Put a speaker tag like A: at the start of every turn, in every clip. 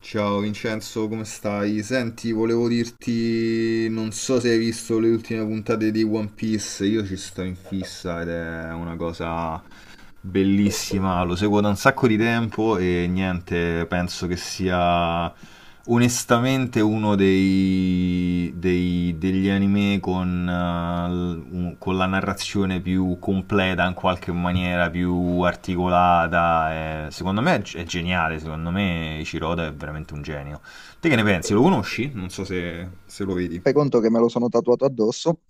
A: Ciao Vincenzo, come stai? Senti, volevo dirti, non so se hai visto le ultime puntate di One Piece, io ci sto in fissa ed è una cosa bellissima, lo seguo da un sacco di tempo e niente, penso che sia onestamente uno degli anime con la narrazione più completa in qualche maniera, più articolata. Secondo me è geniale, secondo me Ichiroda è veramente un genio. Te che ne pensi? Lo conosci? Non so se lo vedi.
B: Fai conto che me lo sono tatuato addosso.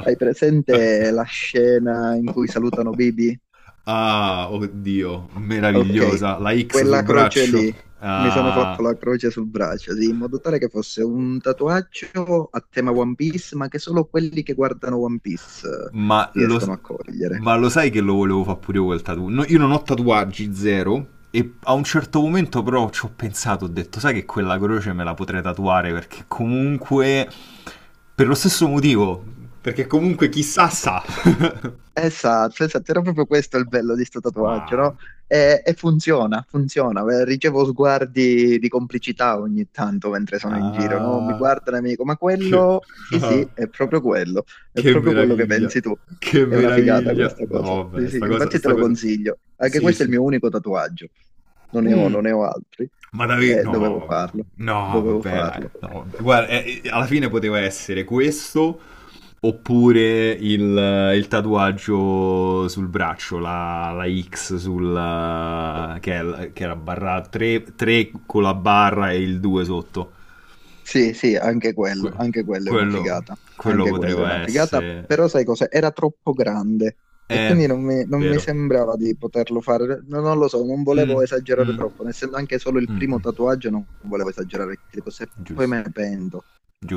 B: Hai presente la scena in cui salutano Bibi?
A: Ah, oddio,
B: Ok,
A: meravigliosa, la X sul
B: quella croce
A: braccio.
B: lì. Mi sono
A: Ah,
B: fatto la croce sul braccio, sì, in modo tale che fosse un tatuaggio a tema One Piece, ma che solo quelli che guardano One Piece
A: ma, lo,
B: riescono a cogliere.
A: ma lo sai che lo volevo fare pure io quel tatuaggio? No, io non ho tatuaggi, zero. E a un certo momento però ci ho pensato, ho detto, sai che quella croce me la potrei tatuare perché comunque... Per lo stesso motivo, perché comunque chissà sa.
B: Esatto, esatto, era proprio questo il bello di sto
A: ma...
B: tatuaggio, no? E funziona, funziona. Ricevo sguardi di complicità ogni tanto mentre sono in giro, no? Mi
A: ah,
B: guardano e mi dicono, ma
A: che...
B: quello, sì,
A: ah.
B: sì, è
A: Che
B: proprio quello che
A: meraviglia,
B: pensi tu.
A: che
B: È una figata
A: meraviglia.
B: questa cosa.
A: No,
B: Sì,
A: vabbè,
B: sì,
A: sta cosa,
B: infatti te
A: sta
B: lo
A: cosa.
B: consiglio. Anche
A: Sì,
B: questo è il
A: sì, sì.
B: mio unico tatuaggio. Non ne ho,
A: Mm,
B: non ne ho altri.
A: ma davvero, no,
B: Dovevo farlo,
A: vabbè. No,
B: dovevo
A: vabbè, dai,
B: farlo.
A: no, vabbè. Guarda, alla fine poteva essere questo oppure il tatuaggio sul braccio, la X sul, che era barra 3, 3 con la barra e il 2 sotto.
B: Sì, sì,
A: Que-
B: anche quello è una
A: Quello,
B: figata,
A: quello
B: anche quello è
A: poteva
B: una figata,
A: essere...
B: però sai cos'è? Era troppo grande e
A: Eh,
B: quindi non mi
A: vero.
B: sembrava di poterlo fare, no, non lo so, non volevo
A: Mm,
B: esagerare
A: mm.
B: troppo, essendo anche solo il primo
A: Mm,
B: tatuaggio non volevo esagerare, che cose poi
A: Giusto,
B: me ne pento.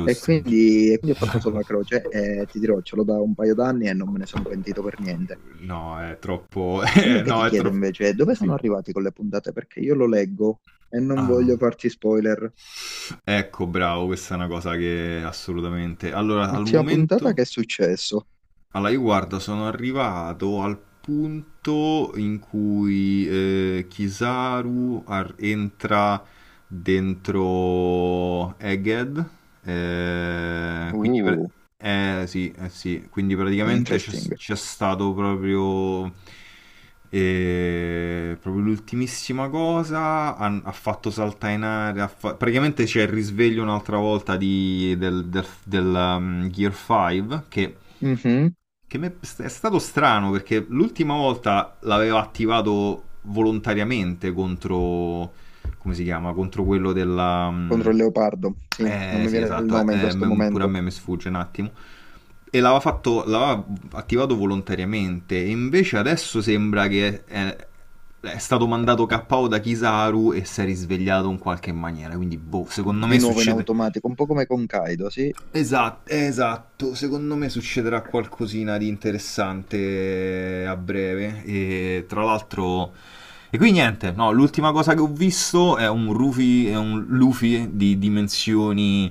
B: E
A: gi-
B: quindi, e quindi ho fatto solo la croce e ti dirò, ce l'ho da un paio d'anni e non me ne sono pentito per niente.
A: No, è troppo...
B: Quello che ti
A: no, è
B: chiedo
A: troppo...
B: invece è dove sono
A: Sì.
B: arrivati con le puntate, perché io lo leggo e non voglio
A: Ah,
B: farti spoiler.
A: ecco, bravo, questa è una cosa che assolutamente... Allora,
B: Ultima puntata, che è successo?
A: Io guarda, sono arrivato al punto in cui Kizaru entra dentro Egghead, eh, quindi, per-
B: Uh,
A: sì, sì, quindi praticamente c'è
B: interesting.
A: c'è stato proprio, proprio l'ultimissima cosa, ha fatto saltare in aria, praticamente c'è il risveglio un'altra volta del Gear 5 che...
B: Mhm.
A: Che è stato strano perché l'ultima volta l'avevo attivato volontariamente contro... come si chiama? Contro quello della... mm,
B: Contro il leopardo, sì, non
A: Eh
B: mi
A: sì,
B: viene il
A: esatto,
B: nome in questo
A: pure a
B: momento.
A: me mi sfugge un attimo. E l'aveva attivato volontariamente. E invece adesso sembra che è stato mandato KO da Kizaru e si è risvegliato in qualche maniera. Quindi, boh, secondo me
B: Di nuovo in
A: succede.
B: automatico, un po' come con Kaido, sì.
A: Esatto, esatto, secondo me succederà qualcosina di interessante a breve e tra l'altro... E qui niente, no, l'ultima cosa che ho visto è un Rufy, è un Luffy di dimensioni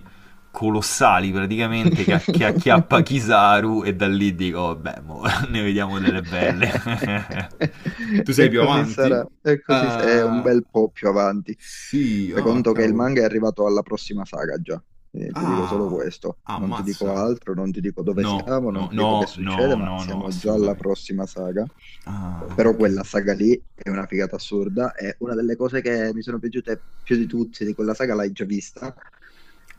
A: colossali praticamente che acchiappa Kizaru e da lì dico, vabbè, mo, ne vediamo delle belle. Tu sei
B: E
A: più
B: così sarà,
A: avanti?
B: è un
A: Ah,
B: bel po' più avanti.
A: sì,
B: Fai
A: ah,
B: conto che il
A: cavolo.
B: manga è arrivato alla prossima saga già. Ti dico solo
A: Ah,
B: questo, non ti dico
A: ammazza.
B: altro, non ti dico dove
A: No,
B: siamo, non
A: no,
B: ti dico che
A: no,
B: succede,
A: no,
B: ma
A: no, no,
B: siamo già alla
A: assolutamente.
B: prossima saga.
A: Ah,
B: Però
A: ok.
B: quella saga lì è una figata assurda, è una delle cose che mi sono piaciute più di tutte di quella saga, l'hai già vista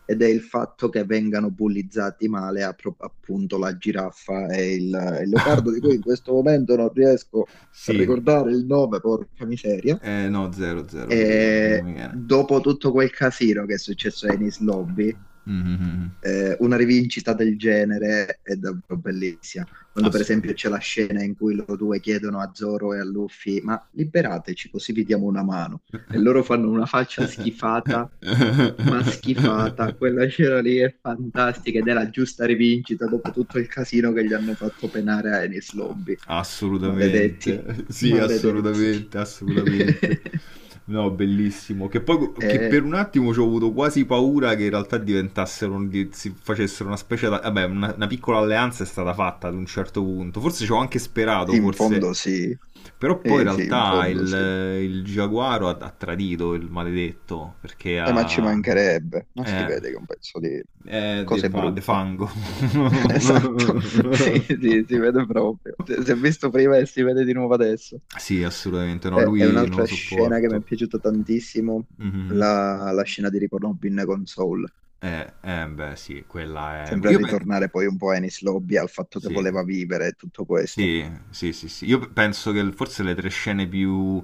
B: ed è il fatto che vengano bullizzati male appunto la giraffa e il leopardo, di cui in questo momento non riesco a
A: sì,
B: ricordare il nome, porca miseria.
A: no, 0, 0 pure io, non
B: E
A: mi viene.
B: dopo tutto quel casino che è successo a Enis Lobby,
A: Mhm, mhm, mhm,
B: una rivincita del genere è davvero bellissima. Quando per esempio
A: assolutamente.
B: c'è la scena in cui loro due chiedono a Zoro e a Luffy, ma liberateci così vi diamo una mano. E loro fanno una faccia schifata, ma schifata. Quella scena lì è fantastica ed è la giusta rivincita dopo tutto il casino che gli hanno fatto penare a Enies Lobby. Maledetti,
A: Assolutamente, sì,
B: maledetti.
A: assolutamente, assolutamente. No, bellissimo. Che poi che
B: E
A: per un attimo ci ho avuto quasi paura che in realtà diventassero, si facessero una specie, vabbè, una piccola alleanza è stata fatta ad un certo punto. Forse ci ho anche sperato,
B: in
A: forse.
B: fondo sì,
A: Però poi in
B: sì, sì, in
A: realtà
B: fondo sì.
A: il Giaguaro ha tradito il maledetto, perché
B: Ma ci
A: ha...
B: mancherebbe, ma si vede che
A: eh.
B: è un pezzo di
A: Eh, de,
B: cose
A: fa- de
B: brutte.
A: fango.
B: Esatto, sì, sì, si vede proprio. Si è visto prima e si vede di nuovo adesso.
A: Sì, assolutamente no,
B: È
A: lui non
B: un'altra
A: lo
B: scena che mi
A: sopporto.
B: è piaciuta tantissimo,
A: Mhm.
B: la scena di Rick Rubin con Soul.
A: Beh, sì, quella è...
B: Sempre a
A: Io penso...
B: ritornare poi un po' a Ennis Lobby, al fatto che
A: Sì.
B: voleva vivere e tutto questo.
A: Sì, sì, sì, sì. Io penso che forse le tre scene più...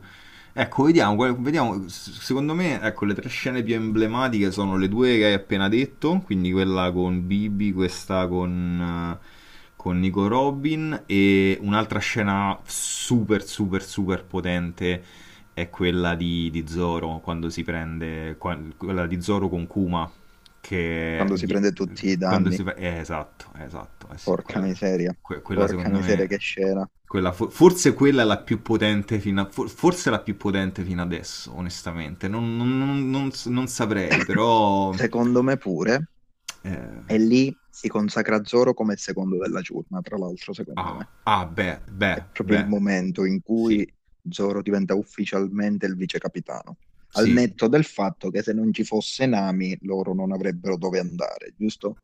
A: Ecco, vediamo, vediamo. Secondo me, ecco, le tre scene più emblematiche sono le due che hai appena detto, quindi quella con Bibi, questa con Nico Robin e un'altra scena super, super, super potente è quella di Zoro, quando si prende... quella di Zoro con Kuma, che...
B: Quando si
A: gli-
B: prende tutti i
A: Quando si...
B: danni.
A: fa- esatto, esatto, eh sì,
B: Porca
A: quella...
B: miseria,
A: Quella
B: porca
A: secondo
B: miseria
A: me,
B: che scena.
A: forse quella è la più potente forse la più potente fino adesso, onestamente. Non saprei, però...
B: Secondo me pure.
A: eh,
B: E lì si consacra Zoro come il secondo della giornata, tra l'altro, secondo
A: ah,
B: me.
A: ah, beh, beh,
B: È proprio
A: beh,
B: il momento in
A: sì,
B: cui Zoro diventa ufficialmente il vice capitano. Al
A: sì,
B: netto del fatto che se non ci fosse Nami, loro non avrebbero dove andare, giusto?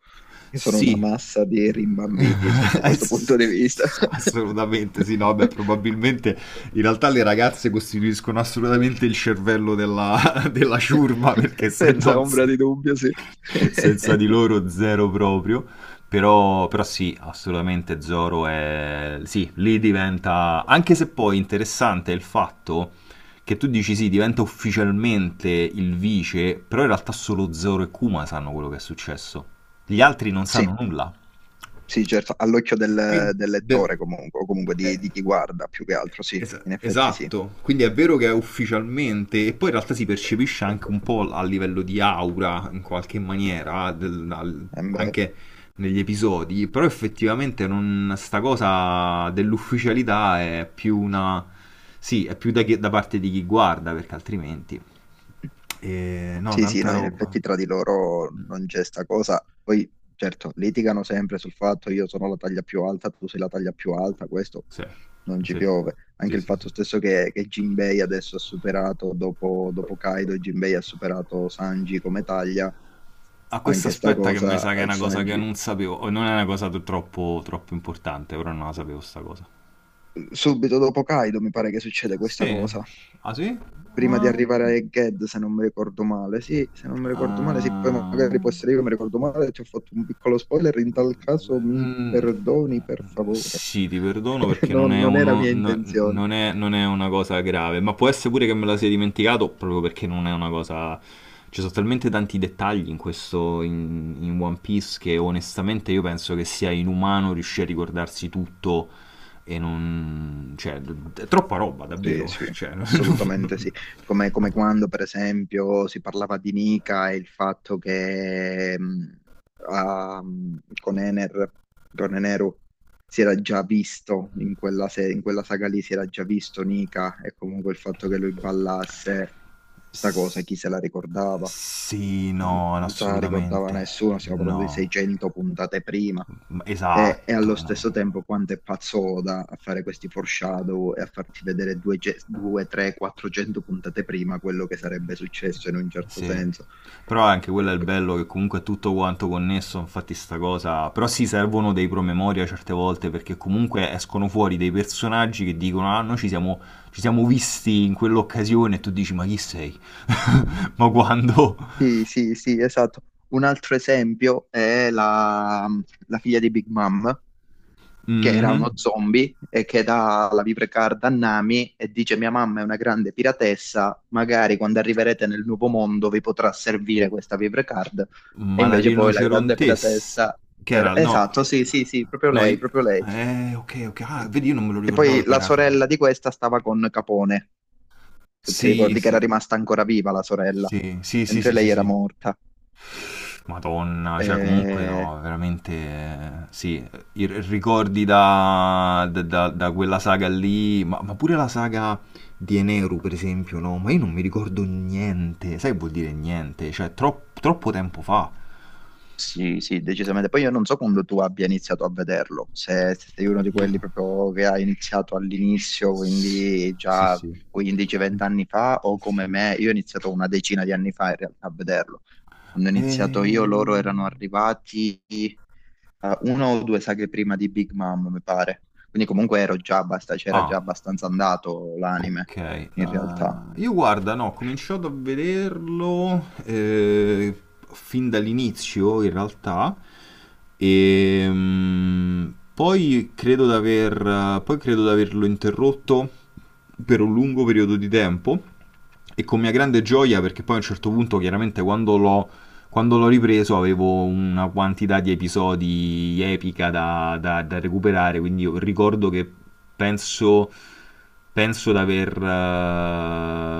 B: Che sono una
A: sì.
B: massa di rimbambiti sotto questo
A: Ass-
B: punto di vista.
A: Assolutamente sì, no, beh, probabilmente in realtà le ragazze costituiscono assolutamente il cervello della, della ciurma perché se
B: Senza
A: non,
B: ombra
A: se
B: di dubbio, sì.
A: senza di loro zero proprio. Però sì, assolutamente Zoro è... Sì, lì diventa... Anche se poi interessante è il fatto che tu dici sì, diventa ufficialmente il vice, però in realtà solo Zoro e Kuma sanno quello che è successo. Gli altri non sanno
B: Sì,
A: nulla.
B: sì, certo, all'occhio del
A: Quindi, del-
B: lettore comunque, o comunque di
A: eh,
B: chi guarda più che altro, sì, in effetti sì.
A: Esatto, quindi è vero che è ufficialmente, e poi in realtà si percepisce anche un po' a livello di aura, in qualche maniera,
B: Eh beh,
A: anche negli episodi, però effettivamente non, sta cosa dell'ufficialità è più una... Sì, è più da parte di chi guarda, perché altrimenti... no,
B: sì, sì,
A: tanta
B: no, in
A: roba.
B: effetti tra di loro
A: Mm.
B: non c'è sta cosa. Poi, certo, litigano sempre sul fatto io sono la taglia più alta, tu sei la taglia più alta, questo
A: Sì,
B: non ci
A: sì,
B: piove.
A: sì,
B: Anche il
A: sì,
B: fatto
A: sì.
B: stesso che Jinbei adesso ha superato, dopo, dopo Kaido, Jinbei ha superato Sanji come taglia,
A: A questo
B: anche sta
A: aspetta che mi
B: cosa,
A: sa che è una cosa che
B: Sanji...
A: non sapevo, o non è una cosa troppo, troppo importante, però non la sapevo sta cosa.
B: Subito dopo Kaido mi pare che succede questa
A: Sì.
B: cosa.
A: Ah sì?
B: Prima di
A: Ah,
B: arrivare a Ged, se non mi ricordo male. Sì, se non mi ricordo male, sì, poi
A: ah.
B: magari può essere io che mi ricordo male, ti ho fatto un piccolo spoiler, in tal caso mi
A: Mm,
B: perdoni per favore.
A: Sì, ti perdono perché non
B: Non,
A: è,
B: non era
A: uno,
B: mia intenzione.
A: non è, una cosa grave, ma può essere pure che me la sia dimenticato proprio perché non è una cosa... Ci sono talmente tanti dettagli in questo, in, in One Piece che onestamente io penso che sia inumano riuscire a ricordarsi tutto. E non... cioè, è troppa roba,
B: Sì,
A: davvero.
B: sì,
A: Cioè, non- non-
B: assolutamente sì.
A: non-
B: Come, come quando, per esempio, si parlava di Nica e il fatto che con Ener, con Eneru, si era già visto in quella, in quella saga lì, si era già visto Nica e comunque il fatto che lui ballasse, sta cosa,
A: S-
B: chi se la ricordava?
A: sì,
B: Cioè,
A: no,
B: non se la ricordava
A: assolutamente.
B: nessuno, stiamo parlando di
A: No.
B: 600 puntate prima e
A: Esatto,
B: allo
A: no.
B: stesso tempo quanto è pazzoda a fare questi foreshadow e a farti vedere 2, 3, 400 puntate prima quello che sarebbe successo in un certo
A: Sì.
B: senso.
A: Però anche quello è
B: Eh,
A: il bello che comunque è tutto quanto connesso, infatti sta cosa... Però sì, servono dei promemoria certe volte perché comunque escono fuori dei personaggi che dicono ah, noi ci siamo visti in quell'occasione e tu dici ma chi sei? Ma quando?
B: Sì, sì, sì, esatto. Un altro esempio è la figlia di Big Mom, che era
A: Mhm.
B: uno zombie e che dà la vibrecard a Nami e dice: mia mamma è una grande piratessa, magari quando arriverete nel nuovo mondo vi potrà servire questa vibrecard. E
A: Ma la
B: invece poi la grande
A: rinocerontessa,
B: piratessa
A: che
B: era...
A: era, no,
B: Esatto, sì, sì, sì, proprio
A: no,
B: lei,
A: i-
B: proprio lei.
A: ok, ok, ah, vedi, io non me lo
B: Che
A: ricordavo
B: poi
A: che
B: la
A: era film.
B: sorella di questa stava con Capone, se ti
A: Sì,
B: ricordi che era
A: sì,
B: rimasta ancora viva la sorella,
A: sì, sì, sì,
B: mentre
A: sì, sì,
B: lei era
A: sì.
B: morta.
A: Madonna, cioè comunque
B: Eh,
A: no, veramente, sì, ricordi da quella saga lì, ma pure la saga di Eneru, per esempio, no, ma io non mi ricordo niente, sai che vuol dire niente? Cioè, troppo tempo fa.
B: Sì, sì, decisamente. Poi io non so
A: Cioè,
B: quando tu abbia iniziato a vederlo, se, se sei uno di
A: io...
B: quelli proprio che ha iniziato all'inizio, quindi
A: Sì,
B: già
A: sì,
B: 15-20 anni fa, o
A: sì.
B: come me, io ho iniziato una decina di anni fa in realtà a vederlo. Quando ho iniziato io, loro
A: Ehm,
B: erano arrivati una o 2 saghe prima di Big Mom, mi pare. Quindi comunque ero già c'era
A: Ah,
B: già abbastanza andato l'anime,
A: ok.
B: in realtà.
A: Ah, io guarda, no, ho cominciato a vederlo fin dall'inizio, in realtà. E poi credo di averlo interrotto per un lungo periodo di tempo. E con mia grande gioia, perché poi a un certo punto, chiaramente, quando l'ho ripreso avevo una quantità di episodi epica da recuperare, quindi io ricordo che penso, penso di aver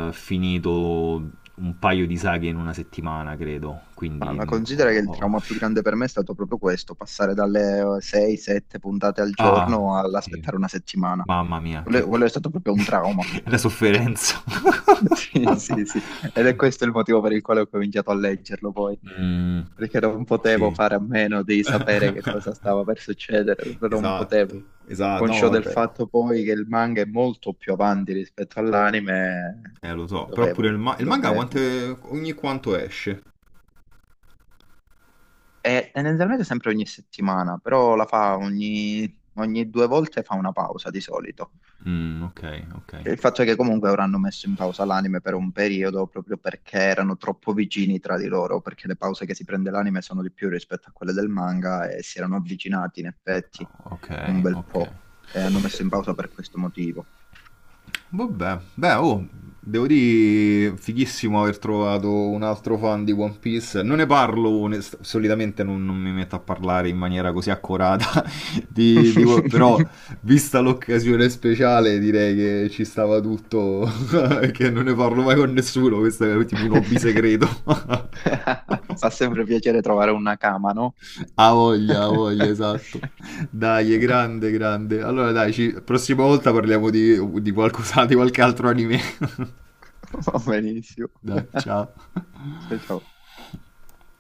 A: finito un paio di saghe in una settimana, credo.
B: Ma,
A: Quindi...
B: ma
A: n-
B: considera che
A: ho-
B: il
A: ho-
B: trauma più grande per me è stato proprio questo, passare dalle 6-7 puntate al
A: Ah,
B: giorno
A: sì.
B: all'aspettare una settimana.
A: Mamma mia,
B: Quello, quello
A: che-
B: è stato proprio un trauma.
A: la sofferenza.
B: Sì, sì, sì. Ed è questo il motivo per il quale ho cominciato a leggerlo poi,
A: Mm,
B: perché non potevo
A: sì.
B: fare a meno di sapere che cosa stava per succedere, non potevo.
A: Esatto, esatto, no,
B: Conscio del
A: vabbè.
B: fatto poi che il manga è molto più avanti rispetto all'anime,
A: Lo so, però pure
B: dovevo,
A: il manga
B: dovevo.
A: ogni quanto esce.
B: E tendenzialmente sempre ogni settimana, però la fa ogni, ogni due volte fa una pausa di solito.
A: Mm, ok, ok.
B: Il fatto è che comunque ora hanno messo in pausa l'anime per un periodo proprio perché erano troppo vicini tra di loro, perché le pause che si prende l'anime sono di più rispetto a quelle del manga e si erano avvicinati in effetti
A: Ok,
B: un bel
A: ok.
B: po' e hanno messo in pausa per questo motivo.
A: Vabbè, beh, oh, devo dire, fighissimo aver trovato un altro fan di One Piece. Non ne parlo, solitamente non mi metto a parlare in maniera così accurata, però vista l'occasione speciale direi che ci stava tutto, che non ne parlo mai con nessuno, questo è tipo un hobby segreto.
B: Fa sempre piacere trovare una cama, no?
A: Ha voglia, esatto. Dai, è grande, grande. Allora, dai, ci... prossima volta parliamo di qualcosa, di qualche altro anime.
B: Va benissimo.
A: Dai, ciao.
B: Ciao ciao.